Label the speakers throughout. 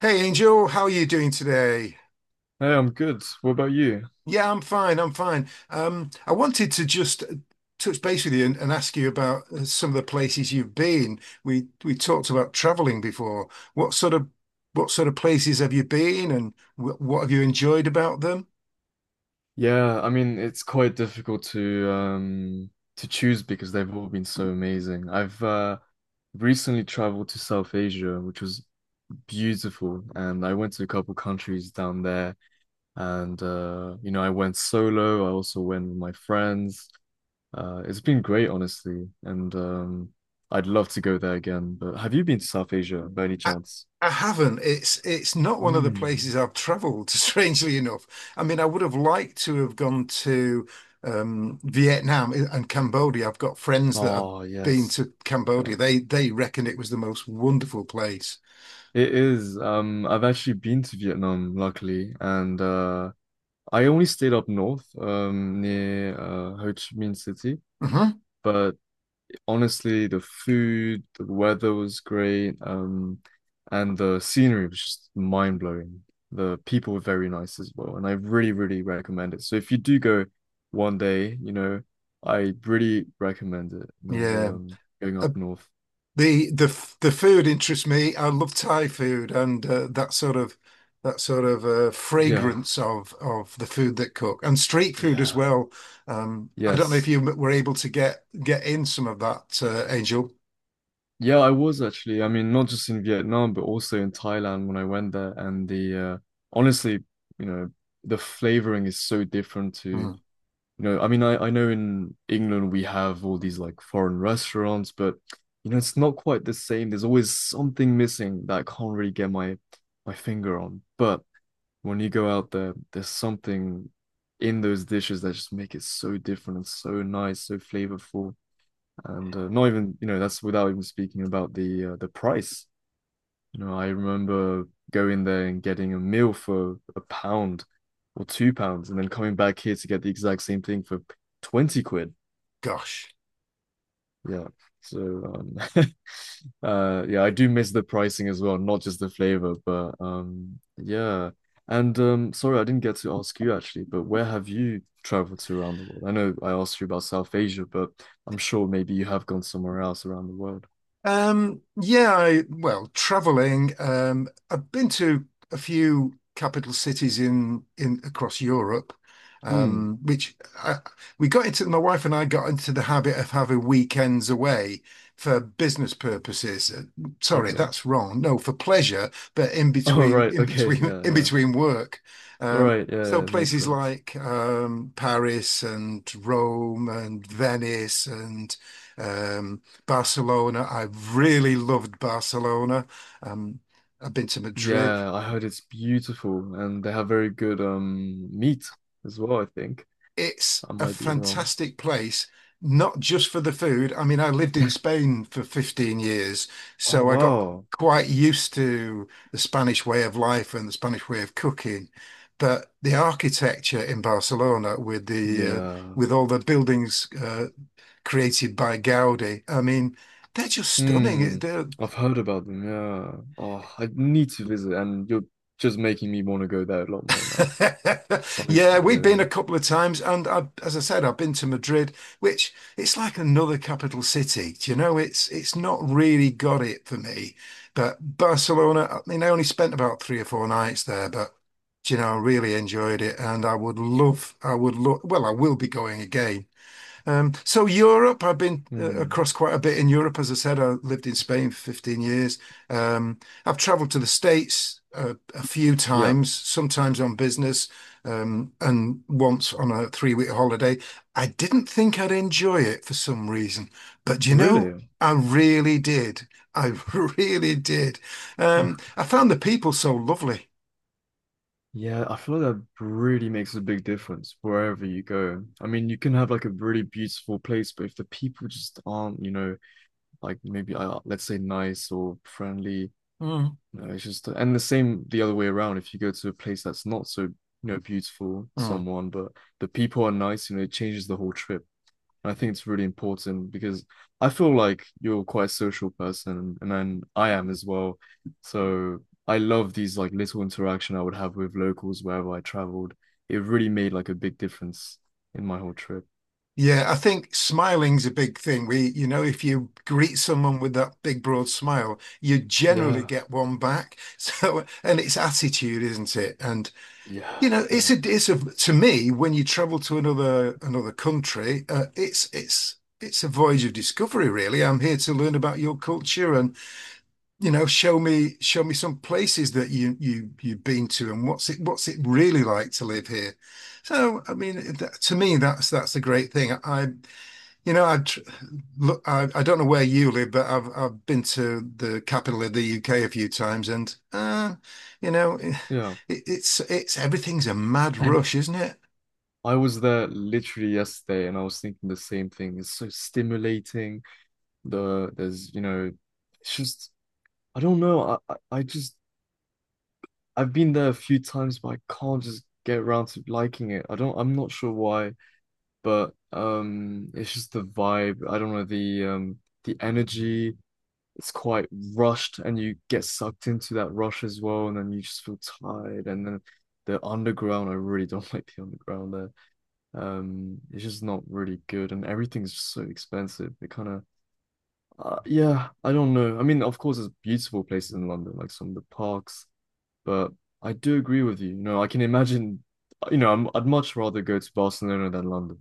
Speaker 1: Hey Angel, how are you doing today?
Speaker 2: Hey, I'm good. What about you?
Speaker 1: Yeah, I'm fine. I wanted to just touch base with you and ask you about some of the places you've been. We talked about traveling before. What sort of what sort of places have you been, and wh what have you enjoyed about them?
Speaker 2: Yeah, I mean, it's quite difficult to choose because they've all been so amazing. I've recently traveled to South Asia, which was beautiful, and I went to a couple countries down there and I went solo, I also went with my friends. It's been great, honestly, and I'd love to go there again. But have you been to South Asia by any
Speaker 1: I,
Speaker 2: chance?
Speaker 1: I haven't. It's not one of the
Speaker 2: Mm.
Speaker 1: places I've traveled, strangely enough. I mean, I would have liked to have gone to Vietnam and Cambodia. I've got friends that have
Speaker 2: Oh,
Speaker 1: been
Speaker 2: yes.
Speaker 1: to
Speaker 2: Yeah.
Speaker 1: Cambodia. They reckon it was the most wonderful place.
Speaker 2: It is. I've actually been to Vietnam, luckily, and I only stayed up north, near Ho Chi Minh City.
Speaker 1: Hmm.
Speaker 2: But honestly, the food, the weather was great, and the scenery was just mind blowing. The people were very nice as well, and I really, really recommend it. So if you do go one day, I really recommend it. You know, the
Speaker 1: Yeah.
Speaker 2: going up north.
Speaker 1: the the the food interests me. I love Thai food and that sort of
Speaker 2: Yeah.
Speaker 1: fragrance of the food that cook and street food as
Speaker 2: Yeah.
Speaker 1: well. I don't know if
Speaker 2: Yes.
Speaker 1: you were able to get in some of that, Angel.
Speaker 2: Yeah, I was actually. I mean, not just in Vietnam, but also in Thailand when I went there. And the honestly, you know, the flavoring is so different to, you
Speaker 1: Mm.
Speaker 2: know, I mean, I know in England we have all these like foreign restaurants, but you know, it's not quite the same. There's always something missing that I can't really get my finger on. But when you go out there, there's something in those dishes that just make it so different and so nice, so flavorful and not even you know that's without even speaking about the price. You know, I remember going there and getting a meal for a pound or £2, and then coming back here to get the exact same thing for twenty quid.
Speaker 1: Gosh.
Speaker 2: Yeah. So yeah, I do miss the pricing as well, not just the flavor, but yeah. And sorry, I didn't get to ask you actually, but where have you traveled to around the world? I know I asked you about South Asia, but I'm sure maybe you have gone somewhere else around the world.
Speaker 1: Yeah, well, traveling. I've been to a few capital cities in across Europe,
Speaker 2: Hmm.
Speaker 1: um, which I, we got into. My wife and I got into the habit of having weekends away for business purposes. Sorry,
Speaker 2: Okay.
Speaker 1: that's wrong. No, for pleasure, but
Speaker 2: Oh, right. Okay. Yeah,
Speaker 1: in
Speaker 2: yeah.
Speaker 1: between work. Um,
Speaker 2: Right. Yeah,
Speaker 1: so
Speaker 2: yeah, it makes
Speaker 1: places
Speaker 2: sense.
Speaker 1: like Paris and Rome and Venice and. Um, Barcelona. I've really loved Barcelona. Um, I've been to Madrid.
Speaker 2: Yeah, I heard it's beautiful and they have very good meat as well, I think.
Speaker 1: It's
Speaker 2: I
Speaker 1: a
Speaker 2: might be wrong.
Speaker 1: fantastic place, not just for the food. I mean, I lived in Spain for 15 years,
Speaker 2: Oh,
Speaker 1: so I got
Speaker 2: wow.
Speaker 1: quite used to the Spanish way of life and the Spanish way of cooking. But the architecture in Barcelona, with the
Speaker 2: Yeah.
Speaker 1: with all the buildings created by Gaudi, I mean, they're just stunning.
Speaker 2: Hmm.
Speaker 1: They're
Speaker 2: I've heard about them. Yeah. Oh, I need to visit and you're just making me want to go there a lot more now.
Speaker 1: yeah,
Speaker 2: Honestly.
Speaker 1: we've been
Speaker 2: Yeah.
Speaker 1: a couple of times, and as I said, I've been to Madrid, which it's like another capital city. Do you know, it's not really got it for me. But Barcelona, I mean, I only spent about three or four nights there, but do you know, I really enjoyed it, and I would love, well, I will be going again. So Europe, I've been
Speaker 2: Hmm.
Speaker 1: across quite a bit in Europe. As I said, I lived in Spain for 15 years. Um, I've traveled to the States a few
Speaker 2: Yeah.
Speaker 1: times, sometimes on business, and once on a three-week holiday. I didn't think I'd enjoy it for some reason, but do you know,
Speaker 2: Really?
Speaker 1: I really did. I really did. I found the people so lovely.
Speaker 2: Yeah, I feel like that really makes a big difference wherever you go. I mean, you can have like a really beautiful place, but if the people just aren't, you know, like maybe let's say nice or friendly,
Speaker 1: Mm.
Speaker 2: you know, it's just and the same the other way around. If you go to a place that's not so, you know, beautiful,
Speaker 1: Mm.
Speaker 2: someone, but the people are nice, you know, it changes the whole trip. And I think it's really important because I feel like you're quite a social person and then I am as well. So I love these like little interaction I would have with locals wherever I traveled. It really made like a big difference in my whole trip.
Speaker 1: Yeah, I think smiling's a big thing. You know, if you greet someone with that big broad smile, you generally
Speaker 2: Yeah.
Speaker 1: get one back. So, and it's attitude, isn't it? And you
Speaker 2: Yeah.
Speaker 1: know,
Speaker 2: Yeah.
Speaker 1: it's a, to me, when you travel to another country, it's a voyage of discovery, really. I'm here to learn about your culture and, you know, show me some places that you've been to and what's it really like to live here. So, I mean, that, to me, that's a great thing. I you know, I tr- Look, I don't know where you live, but I've been to the capital of the UK a few times, and you know,
Speaker 2: Yeah.
Speaker 1: it's everything's a mad
Speaker 2: And
Speaker 1: rush, isn't it?
Speaker 2: I was there literally yesterday and I was thinking the same thing. It's so stimulating. The there's, you know, it's just I don't know. I just I've been there a few times, but I can't just get around to liking it. I don't, I'm not sure why, but it's just the vibe. I don't know, the energy. It's quite rushed, and you get sucked into that rush as well, and then you just feel tired. And then the underground, I really don't like the underground there. It's just not really good, and everything's just so expensive. It kind of, yeah, I don't know. I mean, of course, there's beautiful places in London, like some of the parks but I do agree with you. You know, I can imagine, you know, I'm, I'd much rather go to Barcelona than London,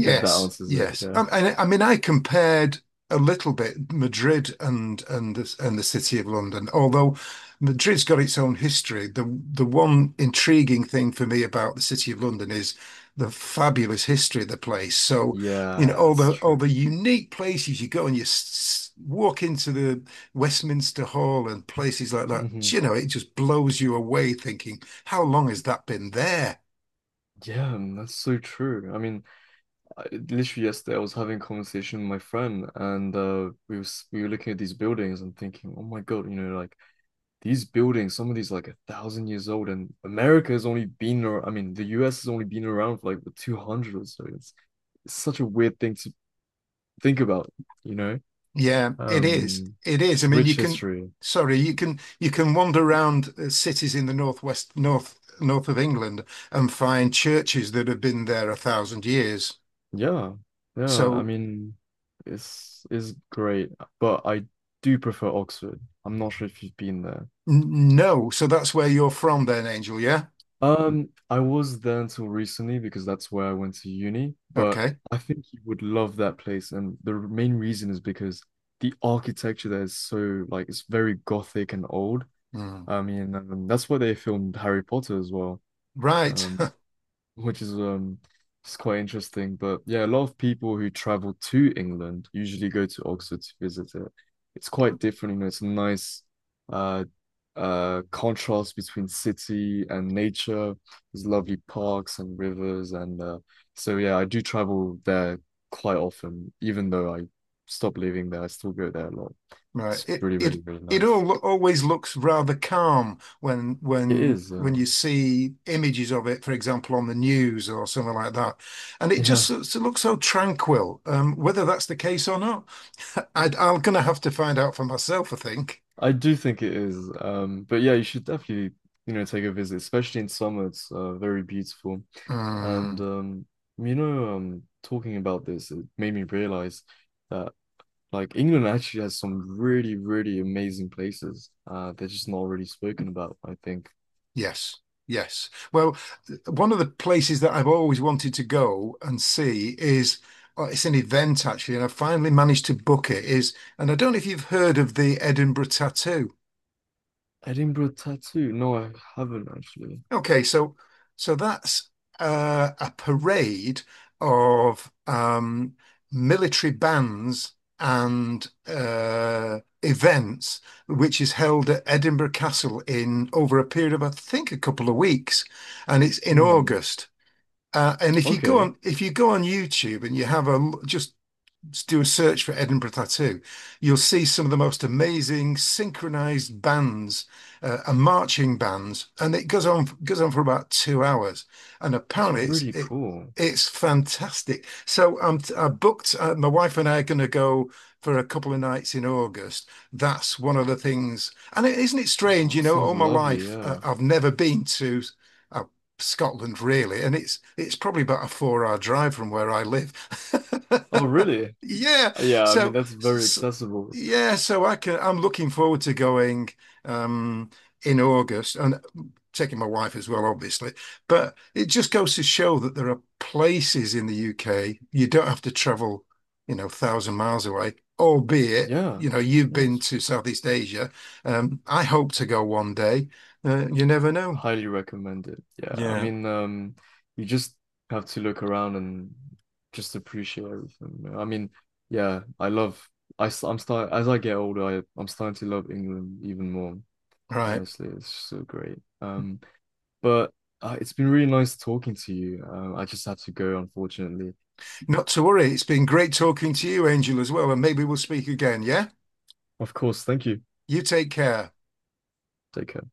Speaker 2: if that answers it.
Speaker 1: yes.
Speaker 2: Yeah.
Speaker 1: I mean, I compared a little bit Madrid and and the City of London. Although Madrid's got its own history, the one intriguing thing for me about the City of London is the fabulous history of the place. So, you know,
Speaker 2: Yeah, that's
Speaker 1: all
Speaker 2: true.
Speaker 1: the unique places you go and you walk into the Westminster Hall and places like that.
Speaker 2: Hmm.
Speaker 1: You know, it just blows you away thinking, how long has that been there?
Speaker 2: Yeah, man, that's so true. I mean, I, literally yesterday I was having a conversation with my friend, and we were looking at these buildings and thinking, oh my God, you know, like these buildings, some of these like a thousand years old, and America has only been, I mean, the U.S. has only been around for like the 200 or so. It's such a weird thing to think about, you know.
Speaker 1: Yeah, it is.
Speaker 2: Um,
Speaker 1: It is.
Speaker 2: it's
Speaker 1: I mean,
Speaker 2: rich history.
Speaker 1: sorry, you can wander around cities in the northwest, north of England and find churches that have been there a thousand years.
Speaker 2: Yeah, yeah. I
Speaker 1: So
Speaker 2: mean, it's great, but I do prefer Oxford. I'm not sure if you've been there.
Speaker 1: no, so that's where you're from then, Angel, yeah?
Speaker 2: I was there until recently because that's where I went to uni, but
Speaker 1: Okay.
Speaker 2: I think you would love that place, and the main reason is because the architecture there is so like it's very gothic and old.
Speaker 1: Hmm.
Speaker 2: I mean, that's where they filmed Harry Potter as well.
Speaker 1: Right.
Speaker 2: Um, which is it's quite interesting. But yeah, a lot of people who travel to England usually go to Oxford to visit it. It's quite different, you know, it's a nice uh contrast between city and nature. There's lovely parks and rivers and so yeah, I do travel there quite often, even though I stopped living there, I still go there a lot.
Speaker 1: Right.
Speaker 2: It's really, really, really
Speaker 1: It
Speaker 2: nice.
Speaker 1: all always looks rather calm when
Speaker 2: It is,
Speaker 1: you see images of it, for example, on the news or something like that, and it just
Speaker 2: yeah.
Speaker 1: sort of looks so tranquil. Whether that's the case or not, I'm gonna have to find out for myself, I think.
Speaker 2: I do think it is. But yeah, you should definitely, you know, take a visit, especially in summer. It's very beautiful. And
Speaker 1: Mm,
Speaker 2: you know, talking about this, it made me realize that like England actually has some really, really amazing places. They're just not really spoken about, I think.
Speaker 1: yes, yes. Well, one of the places that I've always wanted to go and see is. Oh, it's an event actually, and I finally managed to book it. Is and I don't know if you've heard of the Edinburgh Tattoo.
Speaker 2: Edinburgh Tattoo. No, I haven't actually.
Speaker 1: Okay, so that's a parade of military bands and events, which is held at Edinburgh Castle in over a period of I think a couple of weeks, and it's in
Speaker 2: Hmm.
Speaker 1: August. And
Speaker 2: Okay.
Speaker 1: if you go on YouTube and you have just do a search for Edinburgh Tattoo, you'll see some of the most amazing synchronized bands and marching bands, and it goes on goes on for about 2 hours. And
Speaker 2: It's
Speaker 1: apparently,
Speaker 2: really cool.
Speaker 1: it's fantastic. So I booked. My wife and I are going to go for a couple of nights in August. That's one of the things. And isn't it strange?
Speaker 2: Oh,
Speaker 1: You know,
Speaker 2: sounds
Speaker 1: all my
Speaker 2: lovely,
Speaker 1: life
Speaker 2: yeah.
Speaker 1: I've never been to. Uh, Scotland, really, and it's probably about a four-hour drive from where I live.
Speaker 2: Oh, really?
Speaker 1: Yeah.
Speaker 2: Yeah, I mean
Speaker 1: So,
Speaker 2: that's very
Speaker 1: s
Speaker 2: accessible.
Speaker 1: yeah, so I'm looking forward to going um in August and taking my wife as well, obviously. But it just goes to show that there are places in the UK you don't have to travel, you know, thousand miles away, albeit,
Speaker 2: Yeah.
Speaker 1: you know, you've been
Speaker 2: Yes.
Speaker 1: to Southeast Asia. I hope to go one day. You never know.
Speaker 2: Highly recommend it. Yeah, I
Speaker 1: Yeah.
Speaker 2: mean, you just have to look around and just appreciate everything. You know. I mean, yeah, I love. I'm start as I get older. I'm starting to love England even more.
Speaker 1: Right.
Speaker 2: Honestly, it's so great. But it's been really nice talking to you. I just have to go, unfortunately.
Speaker 1: Not to worry. It's been great talking to you, Angel, as well, and maybe we'll speak again, yeah?
Speaker 2: Of course, thank you.
Speaker 1: You take care.
Speaker 2: Take care.